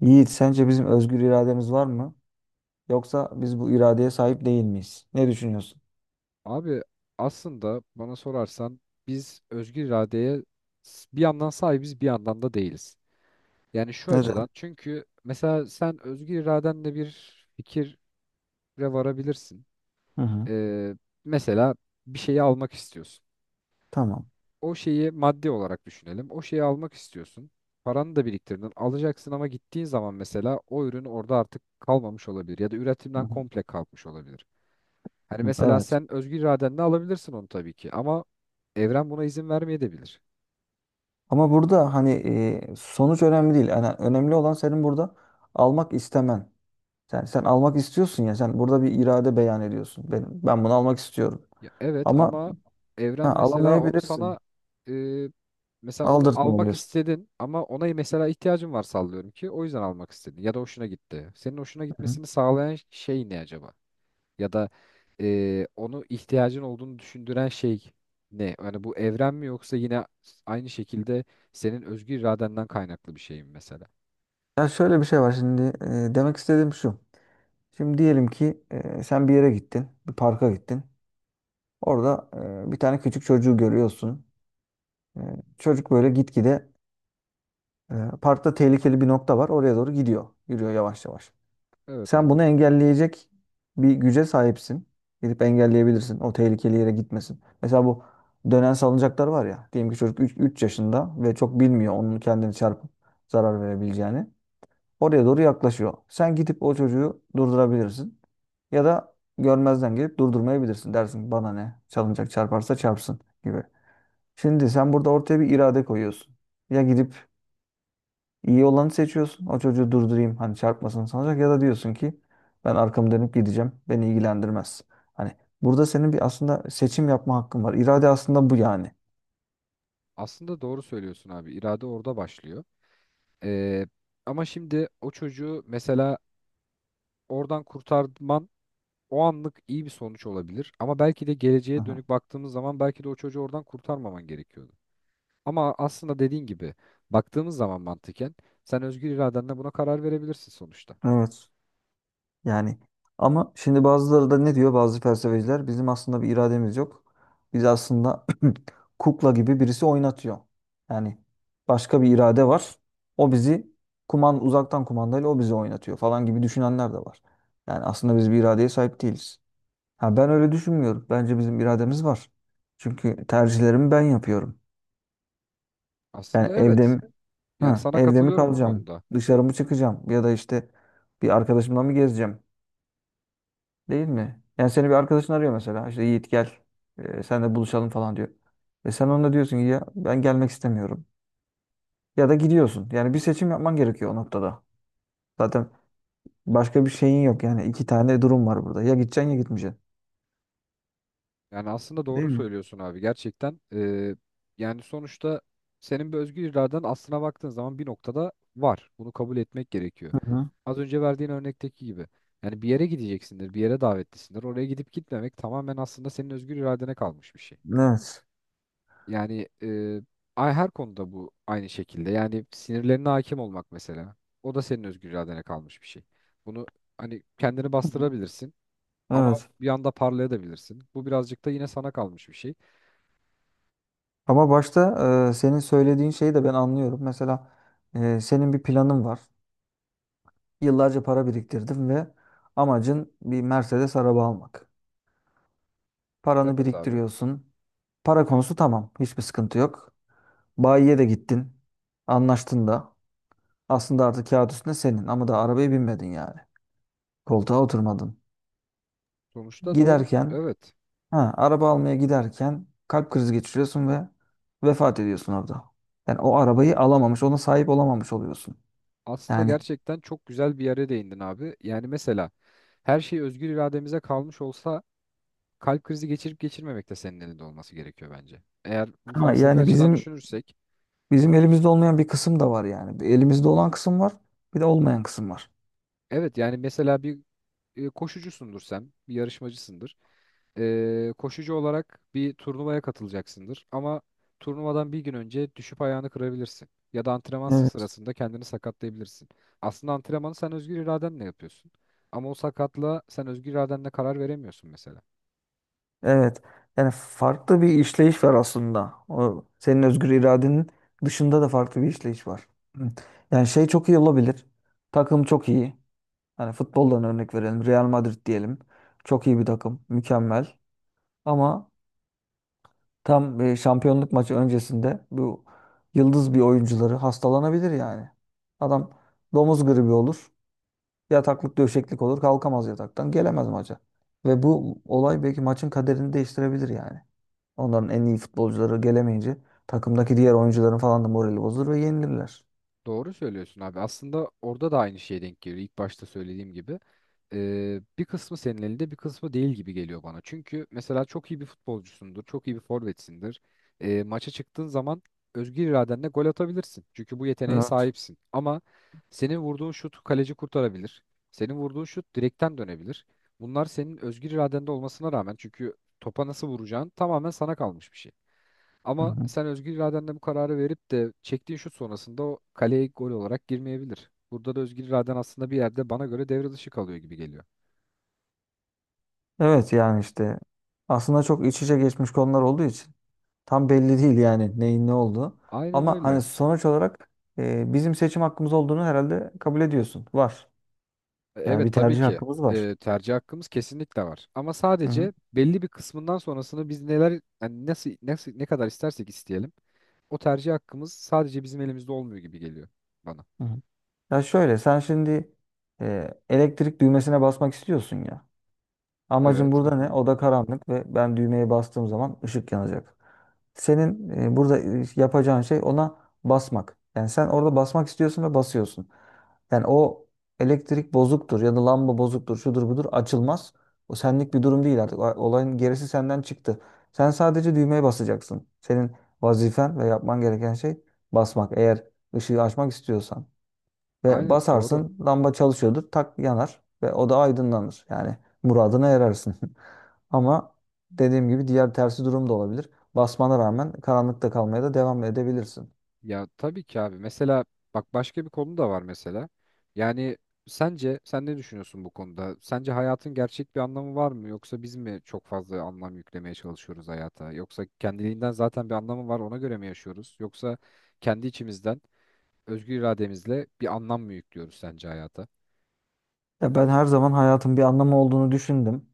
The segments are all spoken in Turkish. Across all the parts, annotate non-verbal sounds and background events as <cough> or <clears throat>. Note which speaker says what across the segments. Speaker 1: Yiğit, sence bizim özgür irademiz var mı? Yoksa biz bu iradeye sahip değil miyiz? Ne düşünüyorsun?
Speaker 2: Abi aslında bana sorarsan biz özgür iradeye bir yandan sahibiz bir yandan da değiliz. Yani şu açıdan
Speaker 1: Neden?
Speaker 2: çünkü mesela sen özgür iradenle bir fikire varabilirsin.
Speaker 1: Hı hı.
Speaker 2: Ee, Mesela bir şeyi almak istiyorsun.
Speaker 1: Tamam.
Speaker 2: O şeyi maddi olarak düşünelim. O şeyi almak istiyorsun. Paranı da biriktirdin. Alacaksın ama gittiğin zaman mesela o ürün orada artık kalmamış olabilir ya da
Speaker 1: Hı
Speaker 2: üretimden
Speaker 1: hı.
Speaker 2: komple kalkmış olabilir. Hani
Speaker 1: Hı,
Speaker 2: mesela
Speaker 1: evet.
Speaker 2: sen özgür iradenle alabilirsin onu tabii ki ama evren buna izin vermeyebilir.
Speaker 1: Ama burada hani sonuç önemli değil. Yani önemli olan senin burada almak istemen. Sen almak istiyorsun ya. Sen burada bir irade beyan ediyorsun. Ben bunu almak istiyorum.
Speaker 2: Ya evet
Speaker 1: Ama
Speaker 2: ama evren
Speaker 1: ha,
Speaker 2: mesela onu
Speaker 1: alamayabilirsin.
Speaker 2: sana e, mesela onu
Speaker 1: Aldırtma
Speaker 2: almak
Speaker 1: oluyorsun.
Speaker 2: istedin ama ona mesela ihtiyacın var sallıyorum ki o yüzden almak istedin ya da hoşuna gitti. Senin hoşuna
Speaker 1: Hı hı.
Speaker 2: gitmesini sağlayan şey ne acaba? Ya da onu ihtiyacın olduğunu düşündüren şey ne? Yani bu evren mi yoksa yine aynı şekilde senin özgür iradenden kaynaklı bir şey mi mesela?
Speaker 1: Ya şöyle bir şey var şimdi. Demek istediğim şu. Şimdi diyelim ki sen bir yere gittin. Bir parka gittin. Orada bir tane küçük çocuğu görüyorsun. E, Çocuk böyle gitgide e, parkta tehlikeli bir nokta var. Oraya doğru gidiyor. Yürüyor yavaş yavaş.
Speaker 2: Evet
Speaker 1: Sen
Speaker 2: abi.
Speaker 1: bunu engelleyecek bir güce sahipsin. Gidip engelleyebilirsin. O tehlikeli yere gitmesin. Mesela bu dönen salıncaklar var ya. Diyelim ki çocuk 3 yaşında ve çok bilmiyor onun kendini çarpıp zarar verebileceğini. Oraya doğru yaklaşıyor. Sen gidip o çocuğu durdurabilirsin. Ya da görmezden gelip durdurmayabilirsin. Dersin ki, bana ne? Salıncak çarparsa çarpsın gibi. Şimdi sen burada ortaya bir irade koyuyorsun. Ya gidip iyi olanı seçiyorsun. O çocuğu durdurayım. Hani çarpmasın sanacak ya da diyorsun ki ben arkamı dönüp gideceğim. Beni ilgilendirmez. Hani burada senin bir aslında seçim yapma hakkın var. İrade aslında bu yani.
Speaker 2: Aslında doğru söylüyorsun abi. İrade orada başlıyor. Ee, Ama şimdi o çocuğu mesela oradan kurtarman o anlık iyi bir sonuç olabilir. Ama belki de geleceğe
Speaker 1: Aha.
Speaker 2: dönük baktığımız zaman belki de o çocuğu oradan kurtarmaman gerekiyordu. Ama aslında dediğin gibi baktığımız zaman mantıken sen özgür iradenle buna karar verebilirsin sonuçta.
Speaker 1: Evet. Yani ama şimdi bazıları da ne diyor bazı felsefeciler? Bizim aslında bir irademiz yok. Biz aslında <clears throat> kukla gibi birisi oynatıyor. Yani başka bir irade var. O bizi uzaktan kumandayla o bizi oynatıyor falan gibi düşünenler de var. Yani aslında biz bir iradeye sahip değiliz. Ha, ben öyle düşünmüyorum. Bence bizim irademiz var. Çünkü tercihlerimi ben yapıyorum. Yani
Speaker 2: Aslında evet. Yani sana
Speaker 1: evde mi
Speaker 2: katılıyorum bu
Speaker 1: kalacağım,
Speaker 2: konuda.
Speaker 1: dışarı mı çıkacağım ya da işte bir arkadaşımla mı gezeceğim? Değil mi? Yani seni bir arkadaşın arıyor mesela. İşte Yiğit gel. Sen de buluşalım falan diyor. Ve sen ona diyorsun ki ya ben gelmek istemiyorum. Ya da gidiyorsun. Yani bir seçim yapman gerekiyor o noktada. Zaten başka bir şeyin yok. Yani iki tane durum var burada. Ya gideceksin ya gitmeyeceksin.
Speaker 2: Yani aslında
Speaker 1: Değil
Speaker 2: doğru
Speaker 1: mi?
Speaker 2: söylüyorsun abi gerçekten. Yani sonuçta senin bir özgür iraden aslına baktığın zaman bir noktada var. Bunu kabul etmek gerekiyor.
Speaker 1: Hı hı.
Speaker 2: Az önce verdiğin örnekteki gibi. Yani bir yere gideceksindir, bir yere davetlisindir. Oraya gidip gitmemek tamamen aslında senin özgür iradene kalmış bir şey.
Speaker 1: Evet.
Speaker 2: Yani her konuda bu aynı şekilde. Yani sinirlerine hakim olmak mesela. O da senin özgür iradene kalmış bir şey. Bunu hani kendini
Speaker 1: Hı hı.
Speaker 2: bastırabilirsin ama
Speaker 1: Evet.
Speaker 2: bir anda parlayabilirsin. Bu birazcık da yine sana kalmış bir şey.
Speaker 1: Ama başta senin söylediğin şeyi de ben anlıyorum. Mesela senin bir planın var. Yıllarca para biriktirdin ve amacın bir Mercedes araba almak. Paranı
Speaker 2: Evet abi.
Speaker 1: biriktiriyorsun. Para konusu tamam. Hiçbir sıkıntı yok. Bayiye de gittin. Anlaştın da. Aslında artık kağıt üstünde senin ama da arabaya binmedin yani. Koltuğa oturmadın.
Speaker 2: Sonuçta doğrusu
Speaker 1: Giderken,
Speaker 2: evet.
Speaker 1: ha, Araba almaya giderken kalp krizi geçiriyorsun ve vefat ediyorsun orada. Yani o arabayı alamamış, ona sahip olamamış oluyorsun.
Speaker 2: Aslında
Speaker 1: Yani
Speaker 2: gerçekten çok güzel bir yere değindin abi. Yani mesela her şey özgür irademize kalmış olsa kalp krizi geçirip geçirmemek de senin elinde olması gerekiyor bence. Eğer bu
Speaker 1: ha,
Speaker 2: felsefi
Speaker 1: yani
Speaker 2: açıdan
Speaker 1: bizim
Speaker 2: düşünürsek
Speaker 1: bizim elimizde olmayan bir kısım da var yani. Bir elimizde olan kısım var, bir de olmayan kısım var.
Speaker 2: evet yani mesela bir koşucusundur sen, bir yarışmacısındır. Koşucu olarak bir turnuvaya katılacaksındır. Ama turnuvadan bir gün önce düşüp ayağını kırabilirsin. Ya da antrenman
Speaker 1: Evet.
Speaker 2: sırasında kendini sakatlayabilirsin. Aslında antrenmanı sen özgür iradenle yapıyorsun. Ama o sakatlığa sen özgür iradenle karar veremiyorsun mesela.
Speaker 1: Evet. Yani farklı bir işleyiş var aslında. O senin özgür iradenin dışında da farklı bir işleyiş var. Hı. Yani şey çok iyi olabilir. Takım çok iyi. Hani futboldan örnek verelim. Real Madrid diyelim. Çok iyi bir takım. Mükemmel. Ama tam şampiyonluk maçı öncesinde bu yıldız bir oyuncuları hastalanabilir yani. Adam domuz gribi olur. Yataklık döşeklik olur. Kalkamaz yataktan. Gelemez maça. Ve bu olay belki maçın kaderini değiştirebilir yani. Onların en iyi futbolcuları gelemeyince takımdaki diğer oyuncuların falan da morali bozulur ve yenilirler.
Speaker 2: Doğru söylüyorsun abi. Aslında orada da aynı şeye denk geliyor. İlk başta söylediğim gibi. Bir kısmı senin elinde bir kısmı değil gibi geliyor bana. Çünkü mesela çok iyi bir futbolcusundur. Çok iyi bir forvetsindir. Maça çıktığın zaman özgür iradenle gol atabilirsin. Çünkü bu yeteneğe
Speaker 1: Evet.
Speaker 2: sahipsin. Ama senin vurduğun şut kaleci kurtarabilir. Senin vurduğun şut direkten dönebilir. Bunlar senin özgür iradende olmasına rağmen çünkü topa nasıl vuracağın tamamen sana kalmış bir şey.
Speaker 1: Hı
Speaker 2: Ama
Speaker 1: hı.
Speaker 2: sen özgür iradenle bu kararı verip de çektiğin şut sonrasında o kaleye gol olarak girmeyebilir. Burada da özgür iraden aslında bir yerde bana göre devre dışı kalıyor gibi geliyor.
Speaker 1: Evet yani işte aslında çok iç içe geçmiş konular olduğu için tam belli değil yani neyin ne olduğu.
Speaker 2: Aynen
Speaker 1: Ama hani
Speaker 2: öyle.
Speaker 1: sonuç olarak bizim seçim hakkımız olduğunu herhalde kabul ediyorsun. Var. Yani
Speaker 2: Evet
Speaker 1: bir
Speaker 2: tabii
Speaker 1: tercih
Speaker 2: ki,
Speaker 1: hakkımız var.
Speaker 2: tercih hakkımız kesinlikle var. Ama
Speaker 1: Hı hı.
Speaker 2: sadece belli bir kısmından sonrasını biz neler yani nasıl, nasıl ne kadar istersek isteyelim o tercih hakkımız sadece bizim elimizde olmuyor gibi geliyor bana.
Speaker 1: Hı hı. Ya şöyle sen şimdi elektrik düğmesine basmak istiyorsun ya. Amacım
Speaker 2: Evet.
Speaker 1: burada ne?
Speaker 2: Aha.
Speaker 1: Oda karanlık ve ben düğmeye bastığım zaman ışık yanacak. Senin burada yapacağın şey ona basmak. Yani sen orada basmak istiyorsun ve basıyorsun. Yani o elektrik bozuktur ya da lamba bozuktur, şudur budur açılmaz. O senlik bir durum değil artık. Olayın gerisi senden çıktı. Sen sadece düğmeye basacaksın. Senin vazifen ve yapman gereken şey basmak. Eğer ışığı açmak istiyorsan. Ve
Speaker 2: Aynen doğru.
Speaker 1: basarsın lamba çalışıyordur tak yanar ve o da aydınlanır. Yani muradına erersin. <laughs> Ama dediğim gibi diğer tersi durum da olabilir. Basmana rağmen karanlıkta kalmaya da devam edebilirsin.
Speaker 2: Ya tabii ki abi. Mesela bak başka bir konu da var mesela. Yani sence sen ne düşünüyorsun bu konuda? Sence hayatın gerçek bir anlamı var mı? Yoksa biz mi çok fazla anlam yüklemeye çalışıyoruz hayata? Yoksa kendiliğinden zaten bir anlamı var ona göre mi yaşıyoruz? Yoksa kendi içimizden özgür irademizle bir anlam mı yüklüyoruz sence hayata?
Speaker 1: Ya ben her zaman hayatın bir anlamı olduğunu düşündüm.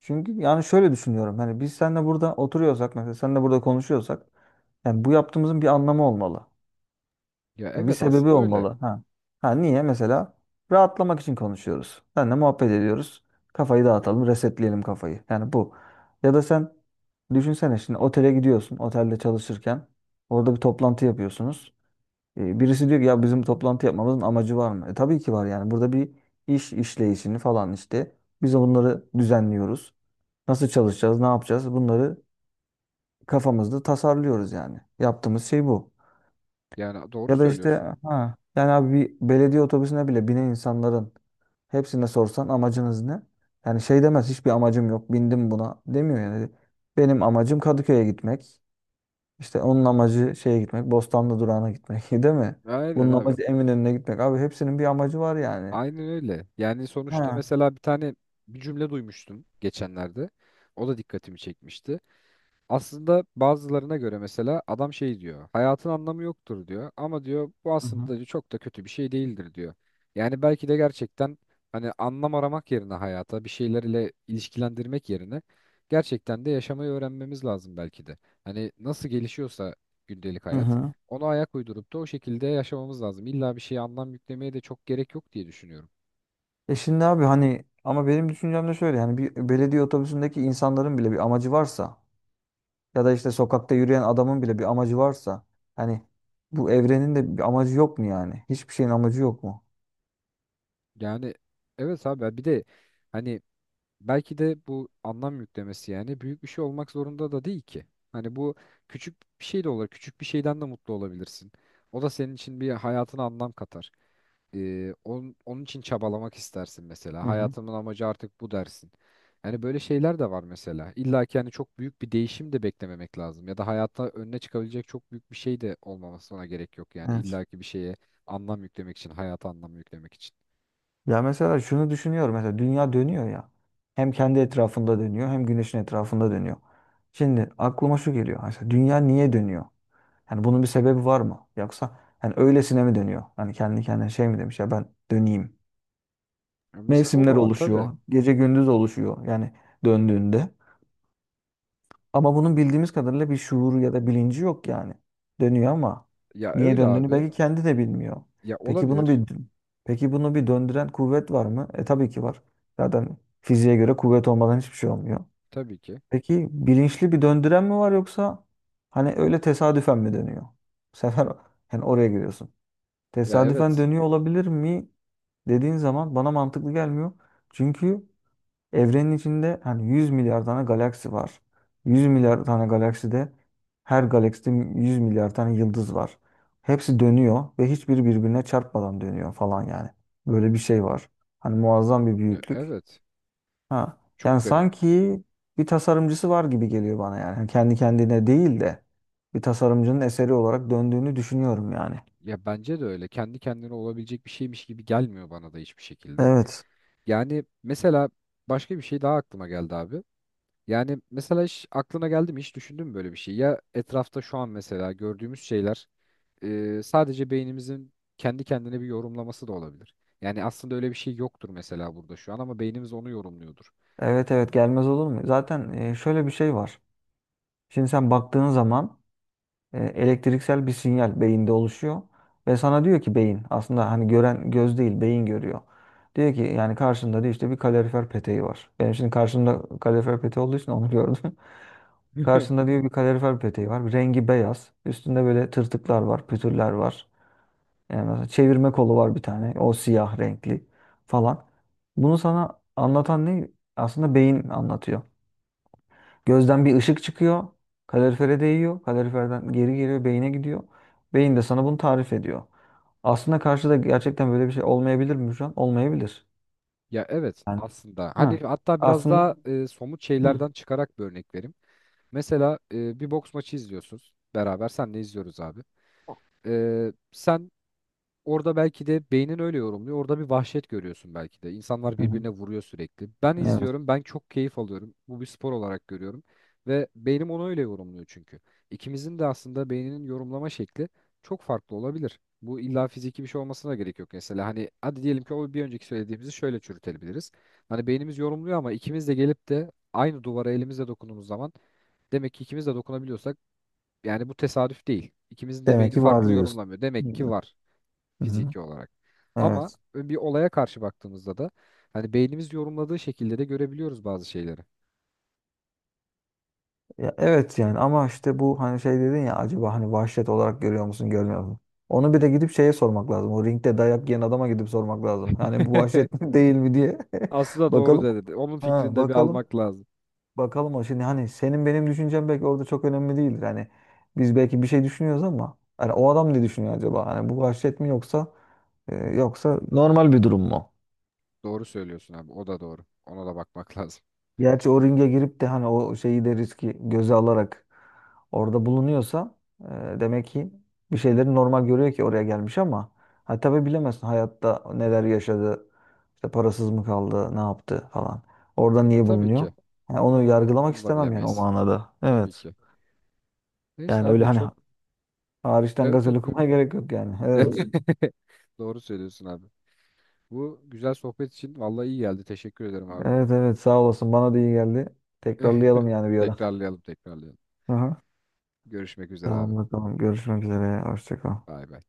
Speaker 1: Çünkü yani şöyle düşünüyorum. Hani biz seninle burada oturuyorsak mesela seninle burada konuşuyorsak yani bu yaptığımızın bir anlamı olmalı.
Speaker 2: Ya
Speaker 1: Yani bir
Speaker 2: evet
Speaker 1: sebebi
Speaker 2: aslında öyle.
Speaker 1: olmalı. Ha. Ha niye? Mesela rahatlamak için konuşuyoruz. Seninle muhabbet ediyoruz. Kafayı dağıtalım, resetleyelim kafayı. Yani bu. Ya da sen düşünsene şimdi otele gidiyorsun. Otelde çalışırken orada bir toplantı yapıyorsunuz. Birisi diyor ki ya bizim toplantı yapmamızın amacı var mı? Tabii ki var yani. Burada bir iş işleyişini falan işte. Biz bunları düzenliyoruz. Nasıl çalışacağız, ne yapacağız? Bunları kafamızda tasarlıyoruz yani. Yaptığımız şey bu.
Speaker 2: Yani doğru
Speaker 1: Ya da
Speaker 2: söylüyorsun.
Speaker 1: işte ha yani abi bir belediye otobüsüne bile binen insanların hepsine sorsan amacınız ne? Yani şey demez hiçbir amacım yok bindim buna demiyor yani. Benim amacım Kadıköy'e gitmek. İşte onun amacı şeye gitmek Bostanlı durağına gitmek <laughs> değil mi?
Speaker 2: Aynen
Speaker 1: Bunun
Speaker 2: abi.
Speaker 1: amacı Eminönü'ne gitmek. Abi hepsinin bir amacı var yani.
Speaker 2: Aynen öyle. Yani sonuçta
Speaker 1: Ha.
Speaker 2: mesela bir cümle duymuştum geçenlerde. O da dikkatimi çekmişti. Aslında bazılarına göre mesela adam şey diyor. Hayatın anlamı yoktur diyor. Ama diyor bu
Speaker 1: Hı hı.
Speaker 2: aslında diyor, çok da kötü bir şey değildir diyor. Yani belki de gerçekten hani anlam aramak yerine hayata bir şeylerle ilişkilendirmek yerine gerçekten de yaşamayı öğrenmemiz lazım belki de. Hani nasıl gelişiyorsa gündelik
Speaker 1: Hı
Speaker 2: hayat
Speaker 1: hı.
Speaker 2: ona ayak uydurup da o şekilde yaşamamız lazım. İlla bir şeye anlam yüklemeye de çok gerek yok diye düşünüyorum.
Speaker 1: Şimdi abi hani ama benim düşüncem de şöyle yani bir belediye otobüsündeki insanların bile bir amacı varsa, ya da işte sokakta yürüyen adamın bile bir amacı varsa, hani bu evrenin de bir amacı yok mu yani? Hiçbir şeyin amacı yok mu?
Speaker 2: Yani evet abi bir de hani belki de bu anlam yüklemesi yani büyük bir şey olmak zorunda da değil ki. Hani bu küçük bir şey de olur. Küçük bir şeyden de mutlu olabilirsin. O da senin için bir hayatına anlam katar. Onun için çabalamak istersin mesela.
Speaker 1: Hı hı.
Speaker 2: Hayatımın amacı artık bu dersin. Yani böyle şeyler de var mesela. İlla ki hani çok büyük bir değişim de beklememek lazım. Ya da hayatta önüne çıkabilecek çok büyük bir şey de olmamasına gerek yok. Yani
Speaker 1: Evet.
Speaker 2: illa ki bir şeye anlam yüklemek için, hayata anlam yüklemek için.
Speaker 1: Ya mesela şunu düşünüyorum. Mesela dünya dönüyor ya. Hem kendi etrafında dönüyor hem güneşin etrafında dönüyor. Şimdi aklıma şu geliyor. Mesela dünya niye dönüyor? Yani bunun bir sebebi var mı? Yoksa hani öylesine mi dönüyor? Hani kendi kendine şey mi demiş ya ben döneyim.
Speaker 2: Ya mesela o
Speaker 1: Mevsimler
Speaker 2: da var tabii.
Speaker 1: oluşuyor. Gece gündüz oluşuyor. Yani döndüğünde. Ama bunun bildiğimiz kadarıyla bir şuuru ya da bilinci yok yani. Dönüyor ama
Speaker 2: Ya
Speaker 1: niye
Speaker 2: öyle
Speaker 1: döndüğünü
Speaker 2: abi.
Speaker 1: belki kendi de bilmiyor.
Speaker 2: Ya
Speaker 1: Peki bunu bir
Speaker 2: olabilir
Speaker 1: peki bunu bir döndüren kuvvet var mı? Tabii ki var. Zaten fiziğe göre kuvvet olmadan hiçbir şey olmuyor.
Speaker 2: tabii ki.
Speaker 1: Peki bilinçli bir döndüren mi var yoksa hani öyle tesadüfen mi dönüyor? Bu sefer <laughs> yani oraya giriyorsun.
Speaker 2: Ya
Speaker 1: Tesadüfen
Speaker 2: evet.
Speaker 1: dönüyor olabilir mi dediğin zaman bana mantıklı gelmiyor. Çünkü evrenin içinde hani 100 milyar tane galaksi var. 100 milyar tane galakside her galakside 100 milyar tane yıldız var. Hepsi dönüyor ve hiçbiri birbirine çarpmadan dönüyor falan yani. Böyle bir şey var. Hani muazzam bir
Speaker 2: Ya
Speaker 1: büyüklük.
Speaker 2: evet.
Speaker 1: Ha. Yani
Speaker 2: Çok garip.
Speaker 1: sanki bir tasarımcısı var gibi geliyor bana yani. Yani kendi kendine değil de bir tasarımcının eseri olarak döndüğünü düşünüyorum yani.
Speaker 2: Ya bence de öyle. Kendi kendine olabilecek bir şeymiş gibi gelmiyor bana da hiçbir şekilde.
Speaker 1: Evet.
Speaker 2: Yani mesela başka bir şey daha aklıma geldi abi. Yani mesela hiç aklına geldi mi hiç düşündün mü böyle bir şey? Ya etrafta şu an mesela gördüğümüz şeyler sadece beynimizin kendi kendine bir yorumlaması da olabilir. Yani aslında öyle bir şey yoktur mesela burada şu an ama beynimiz onu yorumluyordur.
Speaker 1: Evet, evet, gelmez olur mu? Zaten şöyle bir şey var. Şimdi sen baktığın zaman elektriksel bir sinyal beyinde oluşuyor ve sana diyor ki beyin aslında hani gören göz değil beyin görüyor. Diyor ki yani karşında diyor işte bir kalorifer peteği var. Benim şimdi karşımda kalorifer peteği olduğu için onu gördüm. <laughs>
Speaker 2: <laughs>
Speaker 1: Karşında diyor bir kalorifer peteği var. Rengi beyaz. Üstünde böyle tırtıklar var, pütürler var. Yani mesela çevirme kolu var bir tane. O siyah renkli falan. Bunu sana anlatan ne? Aslında beyin anlatıyor. Gözden bir ışık çıkıyor. Kalorifere değiyor. Kaloriferden geri geliyor. Beyine gidiyor. Beyin de sana bunu tarif ediyor. Aslında karşıda gerçekten böyle bir şey olmayabilir mi şu an? Olmayabilir.
Speaker 2: Ya evet
Speaker 1: Yani,
Speaker 2: aslında hani
Speaker 1: ha.
Speaker 2: hatta biraz
Speaker 1: Aslında.
Speaker 2: daha e, somut
Speaker 1: Hı.
Speaker 2: şeylerden çıkarak bir örnek vereyim. Mesela bir boks maçı izliyorsunuz beraber senle izliyoruz abi. Sen orada belki de beynin öyle yorumluyor. Orada bir vahşet görüyorsun belki de. İnsanlar
Speaker 1: Hı hı.
Speaker 2: birbirine vuruyor sürekli. Ben
Speaker 1: Evet.
Speaker 2: izliyorum, ben çok keyif alıyorum. Bu bir spor olarak görüyorum. Ve beynim onu öyle yorumluyor çünkü. İkimizin de aslında beyninin yorumlama şekli çok farklı olabilir. Bu illa fiziki bir şey olmasına gerek yok mesela. Hani hadi diyelim ki o bir önceki söylediğimizi şöyle çürütebiliriz. Hani beynimiz yorumluyor ama ikimiz de gelip de aynı duvara elimizle dokunduğumuz zaman demek ki ikimiz de dokunabiliyorsak yani bu tesadüf değil. İkimizin de
Speaker 1: Demek
Speaker 2: beyni
Speaker 1: ki var
Speaker 2: farklı
Speaker 1: diyorsun.
Speaker 2: yorumlamıyor.
Speaker 1: Hı
Speaker 2: Demek ki
Speaker 1: hı.
Speaker 2: var fiziki olarak. Ama
Speaker 1: Evet.
Speaker 2: bir olaya karşı baktığımızda da hani beynimiz yorumladığı şekilde de görebiliyoruz bazı şeyleri.
Speaker 1: Ya, evet yani ama işte bu hani şey dedin ya acaba hani vahşet olarak görüyor musun görmüyor musun? Onu bir de gidip şeye sormak lazım. O ringde dayak yiyen adama gidip sormak lazım. Yani bu vahşet <laughs>
Speaker 2: <laughs>
Speaker 1: mi değil mi diye. <laughs>
Speaker 2: Aslında doğru
Speaker 1: Bakalım.
Speaker 2: dedi. Onun fikrini
Speaker 1: Ha,
Speaker 2: de bir
Speaker 1: bakalım.
Speaker 2: almak lazım.
Speaker 1: Bakalım o şimdi hani senin benim düşüncem belki orada çok önemli değildir. Hani biz belki bir şey düşünüyoruz ama hani o adam ne düşünüyor acaba? Hani bu vahşet mi yoksa yoksa normal bir durum mu?
Speaker 2: Doğru söylüyorsun abi. O da doğru. Ona da bakmak <laughs> lazım.
Speaker 1: Gerçi o ringe girip de hani o şeyi de riski göze alarak orada bulunuyorsa demek ki bir şeyleri normal görüyor ki oraya gelmiş ama ha tabii bilemezsin hayatta neler yaşadı, işte parasız mı kaldı, ne yaptı falan. Orada
Speaker 2: Ha,
Speaker 1: niye
Speaker 2: tabii
Speaker 1: bulunuyor?
Speaker 2: ki.
Speaker 1: Yani onu yargılamak
Speaker 2: Onu da
Speaker 1: istemem yani o
Speaker 2: bilemeyiz.
Speaker 1: manada.
Speaker 2: Tabii
Speaker 1: Evet.
Speaker 2: ki. Neyse
Speaker 1: Yani öyle
Speaker 2: abi
Speaker 1: hani
Speaker 2: çok
Speaker 1: hariçten
Speaker 2: evet
Speaker 1: gazel
Speaker 2: evet. Buyur.
Speaker 1: okumaya gerek yok yani. Evet.
Speaker 2: <laughs> Doğru söylüyorsun abi. Bu güzel sohbet için vallahi iyi geldi. Teşekkür ederim abi.
Speaker 1: Evet, evet, sağ olasın. Bana da iyi geldi. Tekrarlayalım
Speaker 2: <laughs>
Speaker 1: yani bir ara.
Speaker 2: Tekrarlayalım, tekrarlayalım.
Speaker 1: Aha.
Speaker 2: Görüşmek üzere abi.
Speaker 1: Tamam bakalım. Görüşmek üzere. Hoşça kal.
Speaker 2: Bay bay.